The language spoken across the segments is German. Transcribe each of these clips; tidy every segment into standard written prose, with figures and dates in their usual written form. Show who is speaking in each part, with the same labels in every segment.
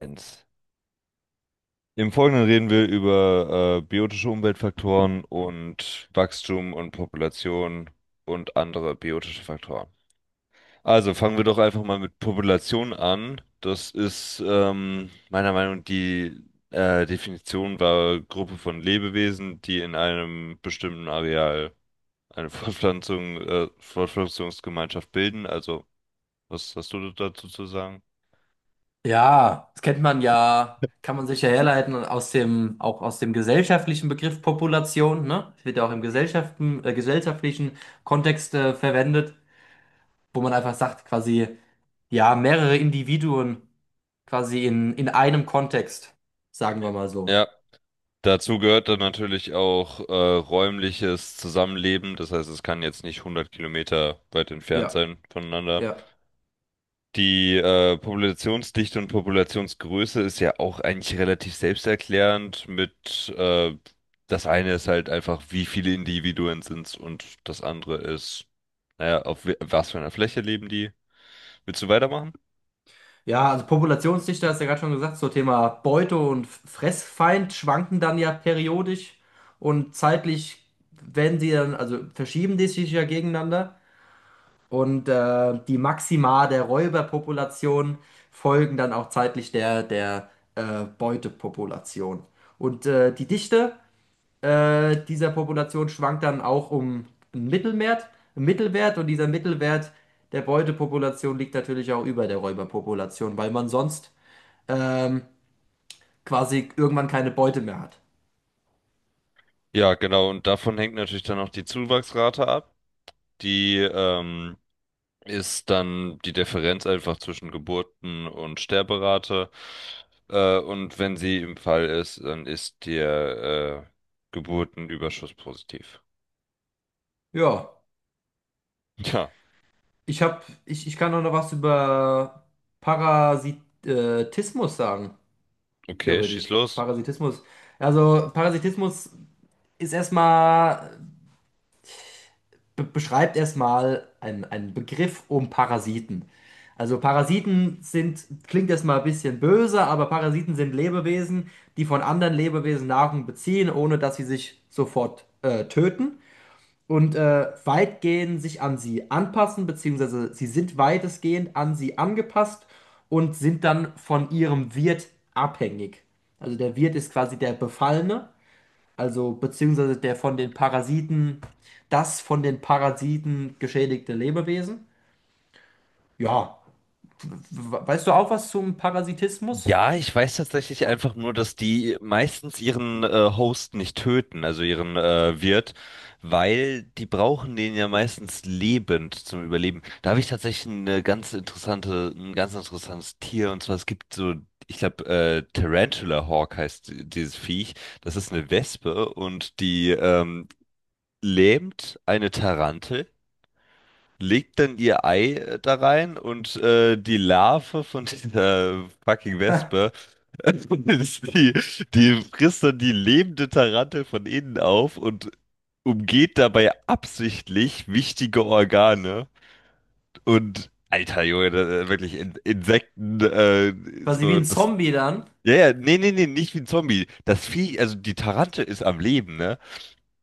Speaker 1: Eins. Im Folgenden reden wir über biotische Umweltfaktoren und Wachstum und Population und andere biotische Faktoren. Also fangen wir doch einfach mal mit Population an. Das ist meiner Meinung nach die Definition war Gruppe von Lebewesen, die in einem bestimmten Areal eine Fortpflanzungsgemeinschaft bilden. Also, was hast du dazu zu sagen?
Speaker 2: Ja, das kennt man ja, kann man sich ja herleiten und aus dem, auch aus dem gesellschaftlichen Begriff Population, ne? Das wird ja auch im
Speaker 1: Mhm.
Speaker 2: Gesellschaften, gesellschaftlichen Kontext verwendet, wo man einfach sagt, quasi, ja, mehrere Individuen quasi in einem Kontext, sagen wir mal so.
Speaker 1: Ja, dazu gehört dann natürlich auch räumliches Zusammenleben. Das heißt, es kann jetzt nicht 100 Kilometer weit entfernt
Speaker 2: Ja,
Speaker 1: sein voneinander.
Speaker 2: ja.
Speaker 1: Die Populationsdichte und Populationsgröße ist ja auch eigentlich relativ selbsterklärend das eine ist halt einfach, wie viele Individuen sind's und das andere ist, naja, auf was für einer Fläche leben die. Willst du weitermachen?
Speaker 2: Ja, also Populationsdichte hast du ja gerade schon gesagt, so Thema Beute und Fressfeind schwanken dann ja periodisch und zeitlich werden sie dann, also verschieben die sich ja gegeneinander. Und die Maxima der Räuberpopulation folgen dann auch zeitlich der Beutepopulation. Und die Dichte dieser Population schwankt dann auch um einen Mittelwert, einen Mittelwert, und dieser Mittelwert der Beutepopulation liegt natürlich auch über der Räuberpopulation, weil man sonst ähm, quasi irgendwann keine Beute mehr hat.
Speaker 1: Ja, genau. Und davon hängt natürlich dann auch die Zuwachsrate ab. Die ist dann die Differenz einfach zwischen Geburten- und Sterberate. Und wenn sie im Fall ist, dann ist der Geburtenüberschuss positiv.
Speaker 2: Ja,
Speaker 1: Ja,
Speaker 2: ich kann auch noch was über Parasitismus sagen.
Speaker 1: okay, schieß
Speaker 2: Theoretisch.
Speaker 1: los.
Speaker 2: Parasitismus. Also Parasitismus ist erstmal, be beschreibt erstmal einen Begriff um Parasiten. Also Parasiten sind, klingt erstmal ein bisschen böse, aber Parasiten sind Lebewesen, die von anderen Lebewesen Nahrung beziehen, ohne dass sie sich sofort töten und weitgehend sich an sie anpassen, beziehungsweise sie sind weitestgehend an sie angepasst und sind dann von ihrem Wirt abhängig. Also der Wirt ist quasi der Befallene. Also beziehungsweise der von den Parasiten, das von den Parasiten geschädigte Lebewesen. Ja, weißt du auch was zum Parasitismus?
Speaker 1: Ja, ich weiß tatsächlich einfach nur, dass die meistens ihren Host nicht töten, also ihren Wirt, weil die brauchen den ja meistens lebend zum Überleben. Da habe ich tatsächlich eine ganz interessante, ein ganz interessantes Tier und zwar es gibt so, ich glaube, Tarantula Hawk heißt dieses Viech. Das ist eine Wespe und die lähmt eine Tarantel, legt dann ihr Ei da rein und die Larve von dieser fucking Wespe, die, die frisst dann die lebende Tarantel von innen auf und umgeht dabei absichtlich wichtige Organe. Und alter Junge, da wirklich In Insekten,
Speaker 2: Quasi wie
Speaker 1: so
Speaker 2: ein
Speaker 1: das.
Speaker 2: Zombie dann.
Speaker 1: Ja, ja, nee, nee, nee, nicht wie ein Zombie. Das Vieh, also die Tarantel ist am Leben, ne?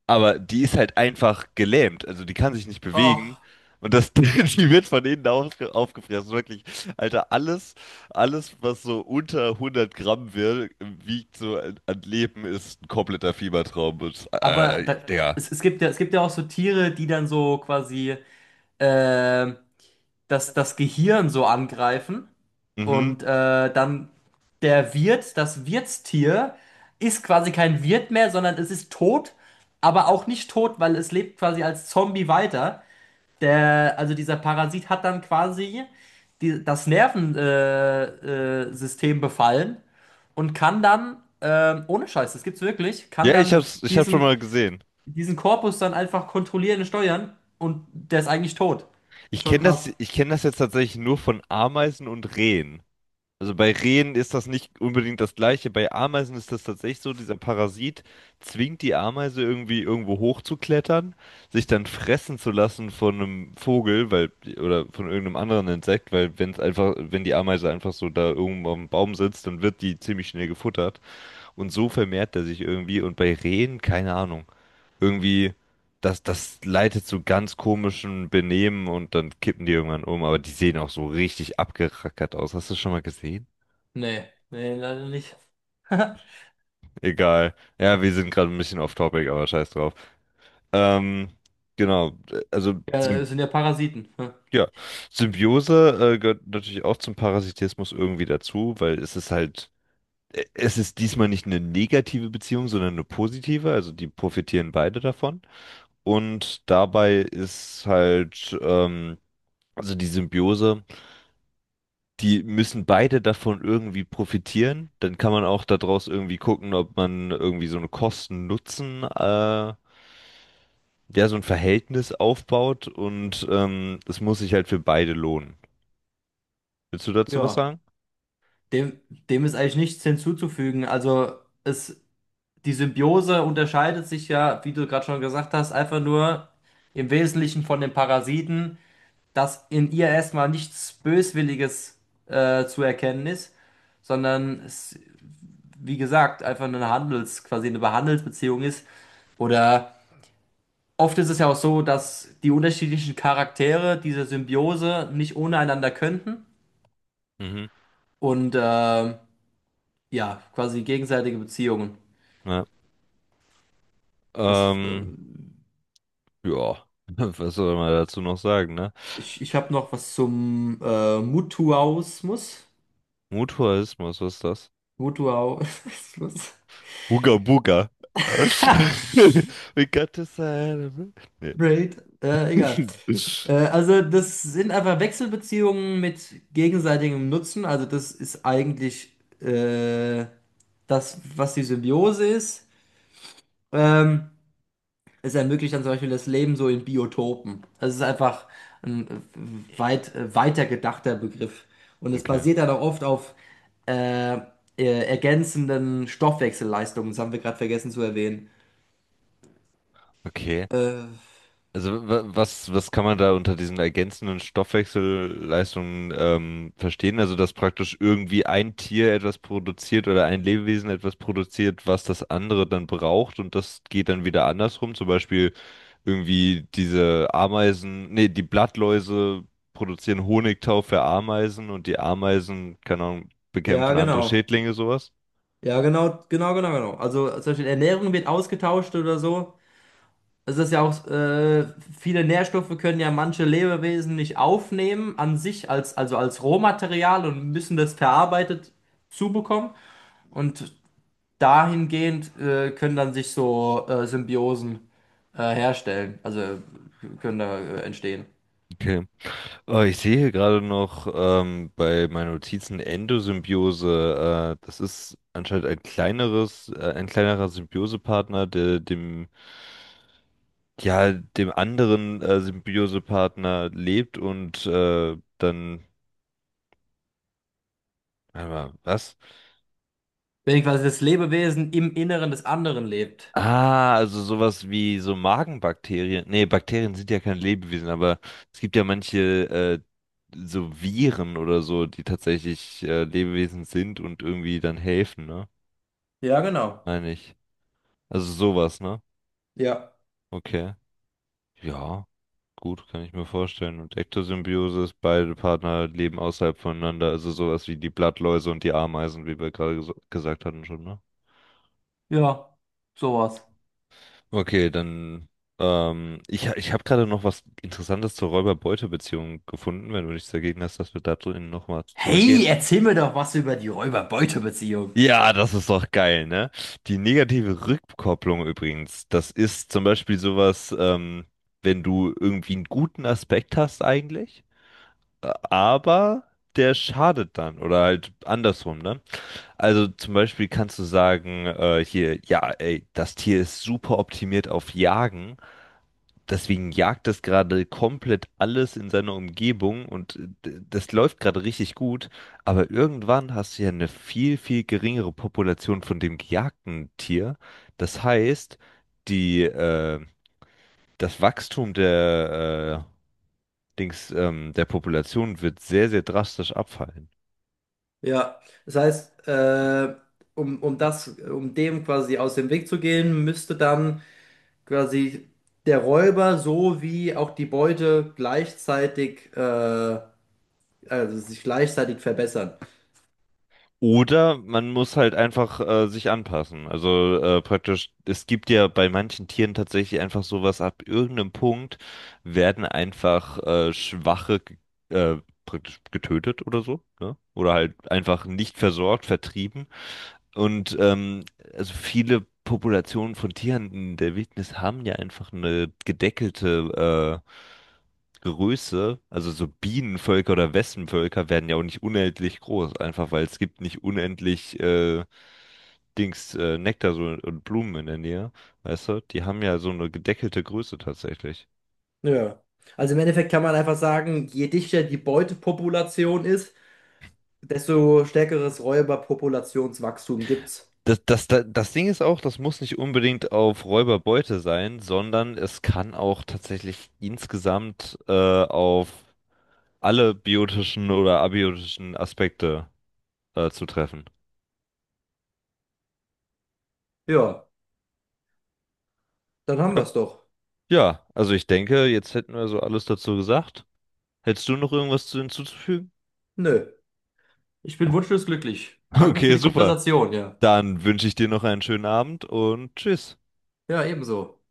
Speaker 1: Aber die ist halt einfach gelähmt. Also die kann sich nicht
Speaker 2: Och,
Speaker 1: bewegen. Und das, die wird von aufgefressen. Wirklich, Alter, alles, was so unter 100 Gramm wird, wiegt so an Leben, ist ein kompletter Fiebertraum. Und,
Speaker 2: aber da,
Speaker 1: Digga.
Speaker 2: es gibt ja, es gibt ja auch so Tiere, die dann so quasi äh, das Gehirn so angreifen
Speaker 1: Mhm.
Speaker 2: und dann der Wirt, das Wirtstier, ist quasi kein Wirt mehr, sondern es ist tot, aber auch nicht tot, weil es lebt quasi als Zombie weiter. Der, also dieser Parasit hat dann quasi die, das Nervensystem System befallen und kann dann, ohne Scheiß, das gibt's wirklich, kann
Speaker 1: Ja,
Speaker 2: dann
Speaker 1: ich hab's schon
Speaker 2: diesen,
Speaker 1: mal gesehen.
Speaker 2: diesen Korpus dann einfach kontrollieren und steuern, und der ist eigentlich tot.
Speaker 1: Ich
Speaker 2: Ist schon
Speaker 1: kenne
Speaker 2: krass.
Speaker 1: ich kenne das jetzt tatsächlich nur von Ameisen und Rehen. Also bei Rehen ist das nicht unbedingt das Gleiche. Bei Ameisen ist das tatsächlich so, dieser Parasit zwingt die Ameise irgendwie irgendwo hochzuklettern, sich dann fressen zu lassen von einem Vogel, weil, oder von irgendeinem anderen Insekt, weil wenn es einfach, wenn die Ameise einfach so da irgendwo am Baum sitzt, dann wird die ziemlich schnell gefuttert. Und so vermehrt er sich irgendwie. Und bei Rehen, keine Ahnung, irgendwie, das leitet zu ganz komischen Benehmen und dann kippen die irgendwann um. Aber die sehen auch so richtig abgerackert aus. Hast du das schon mal gesehen?
Speaker 2: Nee, nee, leider nicht.
Speaker 1: Egal. Ja, wir sind gerade ein bisschen off topic, aber scheiß drauf. Ähm, genau. Also,
Speaker 2: Ja,
Speaker 1: Symb
Speaker 2: das sind ja Parasiten. Hm.
Speaker 1: ja. Symbiose, gehört natürlich auch zum Parasitismus irgendwie dazu, weil es ist halt, es ist diesmal nicht eine negative Beziehung, sondern eine positive. Also, die profitieren beide davon. Und dabei ist halt, also die Symbiose, die müssen beide davon irgendwie profitieren. Dann kann man auch daraus irgendwie gucken, ob man irgendwie so eine so ein Verhältnis aufbaut und es muss sich halt für beide lohnen. Willst du dazu was
Speaker 2: Ja,
Speaker 1: sagen?
Speaker 2: dem, dem ist eigentlich nichts hinzuzufügen. Also es, die Symbiose unterscheidet sich ja, wie du gerade schon gesagt hast, einfach nur im Wesentlichen von den Parasiten, dass in ihr erstmal nichts Böswilliges zu erkennen ist, sondern es, wie gesagt, einfach eine Handels, quasi eine Handelsbeziehung ist. Oder oft ist es ja auch so, dass die unterschiedlichen Charaktere dieser Symbiose nicht ohne einander könnten,
Speaker 1: Mhm.
Speaker 2: und ja, quasi gegenseitige Beziehungen.
Speaker 1: Ja.
Speaker 2: Was,
Speaker 1: Ähm, ja, was soll man dazu noch sagen, ne?
Speaker 2: ich habe noch was zum Mutuausmus.
Speaker 1: Mutualismus, was ist das?
Speaker 2: Mutuausmus.
Speaker 1: Booga Booga. We got to celebrate. Nee.
Speaker 2: Braid. Egal. Also das sind einfach Wechselbeziehungen mit gegenseitigem Nutzen. Also das ist eigentlich äh, das, was die Symbiose ist. Ähm, es ermöglicht dann zum Beispiel das Leben so in Biotopen. Das ist einfach ein weiter gedachter Begriff. Und es
Speaker 1: Okay.
Speaker 2: basiert dann auch oft auf äh, ergänzenden Stoffwechselleistungen. Das haben wir gerade vergessen zu erwähnen.
Speaker 1: Okay.
Speaker 2: Äh,
Speaker 1: Also was kann man da unter diesen ergänzenden Stoffwechselleistungen verstehen? Also dass praktisch irgendwie ein Tier etwas produziert oder ein Lebewesen etwas produziert, was das andere dann braucht und das geht dann wieder andersrum. Zum Beispiel irgendwie diese die Blattläuse produzieren Honigtau für Ameisen und die Ameisen, keine Ahnung,
Speaker 2: ja,
Speaker 1: bekämpfen andere
Speaker 2: genau.
Speaker 1: Schädlinge, sowas.
Speaker 2: Ja, genau, genau, genau, genau. Also zum Beispiel Ernährung wird ausgetauscht oder so. Es ist ja auch, viele Nährstoffe können ja manche Lebewesen nicht aufnehmen an sich, als, also als Rohmaterial, und müssen das verarbeitet zubekommen. Und dahingehend können dann sich so Symbiosen herstellen, also können da entstehen.
Speaker 1: Okay. Oh, ich sehe hier gerade noch bei meinen Notizen Endosymbiose. Das ist anscheinend ein ein kleinerer Symbiosepartner, dem anderen Symbiosepartner lebt und warte mal, was?
Speaker 2: Wenn quasi das Lebewesen im Inneren des anderen lebt.
Speaker 1: Ah, also sowas wie so Magenbakterien. Nee, Bakterien sind ja kein Lebewesen, aber es gibt ja manche so Viren oder so, die tatsächlich Lebewesen sind und irgendwie dann helfen, ne?
Speaker 2: Ja, genau.
Speaker 1: Meine ich. Also sowas, ne?
Speaker 2: Ja.
Speaker 1: Okay. Ja, gut, kann ich mir vorstellen. Und Ektosymbiosis, ist, beide Partner leben außerhalb voneinander, also sowas wie die Blattläuse und die Ameisen, wie wir gerade gesagt hatten schon, ne?
Speaker 2: Ja, sowas.
Speaker 1: Okay, dann. Ich habe gerade noch was Interessantes zur Räuber-Beute-Beziehung gefunden, wenn du nichts dagegen hast, dass wir da drin nochmal
Speaker 2: Hey,
Speaker 1: zurückgehen.
Speaker 2: erzähl mir doch was über die Räuber-Beute-Beziehung.
Speaker 1: Ja, das ist doch geil, ne? Die negative Rückkopplung übrigens, das ist zum Beispiel sowas, wenn du irgendwie einen guten Aspekt hast eigentlich, aber der schadet dann oder halt andersrum, ne? Also zum Beispiel kannst du sagen, hier, ja, ey, das Tier ist super optimiert auf Jagen. Deswegen jagt das gerade komplett alles in seiner Umgebung und das läuft gerade richtig gut, aber irgendwann hast du ja eine viel, viel geringere Population von dem gejagten Tier. Das heißt, die, äh, das Wachstum der Population wird sehr, sehr drastisch abfallen.
Speaker 2: Ja, das heißt, um, um das, um dem quasi aus dem Weg zu gehen, müsste dann quasi der Räuber sowie auch die Beute gleichzeitig also sich gleichzeitig verbessern.
Speaker 1: Oder man muss halt einfach sich anpassen. Also praktisch, es gibt ja bei manchen Tieren tatsächlich einfach sowas, ab irgendeinem Punkt werden einfach praktisch getötet oder so, ne? Oder halt einfach nicht versorgt, vertrieben. Und also viele Populationen von Tieren in der Wildnis haben ja einfach eine gedeckelte Größe, also so Bienenvölker oder Wespenvölker werden ja auch nicht unendlich groß, einfach weil es gibt nicht unendlich Nektar so, und Blumen in der Nähe, weißt du? Die haben ja so eine gedeckelte Größe tatsächlich.
Speaker 2: Ja. Also im Endeffekt kann man einfach sagen, je dichter die Beutepopulation ist, desto stärkeres Räuberpopulationswachstum gibt's.
Speaker 1: Das Ding ist auch, das muss nicht unbedingt auf Räuberbeute sein, sondern es kann auch tatsächlich insgesamt auf alle biotischen oder abiotischen Aspekte zutreffen.
Speaker 2: Ja, dann haben
Speaker 1: Ja,
Speaker 2: wir's doch.
Speaker 1: ja, also ich denke, jetzt hätten wir so alles dazu gesagt. Hättest du noch irgendwas zu hinzuzufügen?
Speaker 2: Nö. Ich bin wunschlos glücklich. Danke für
Speaker 1: Okay,
Speaker 2: die
Speaker 1: super.
Speaker 2: Konversation, ja.
Speaker 1: Dann wünsche ich dir noch einen schönen Abend und tschüss.
Speaker 2: Ja, ebenso.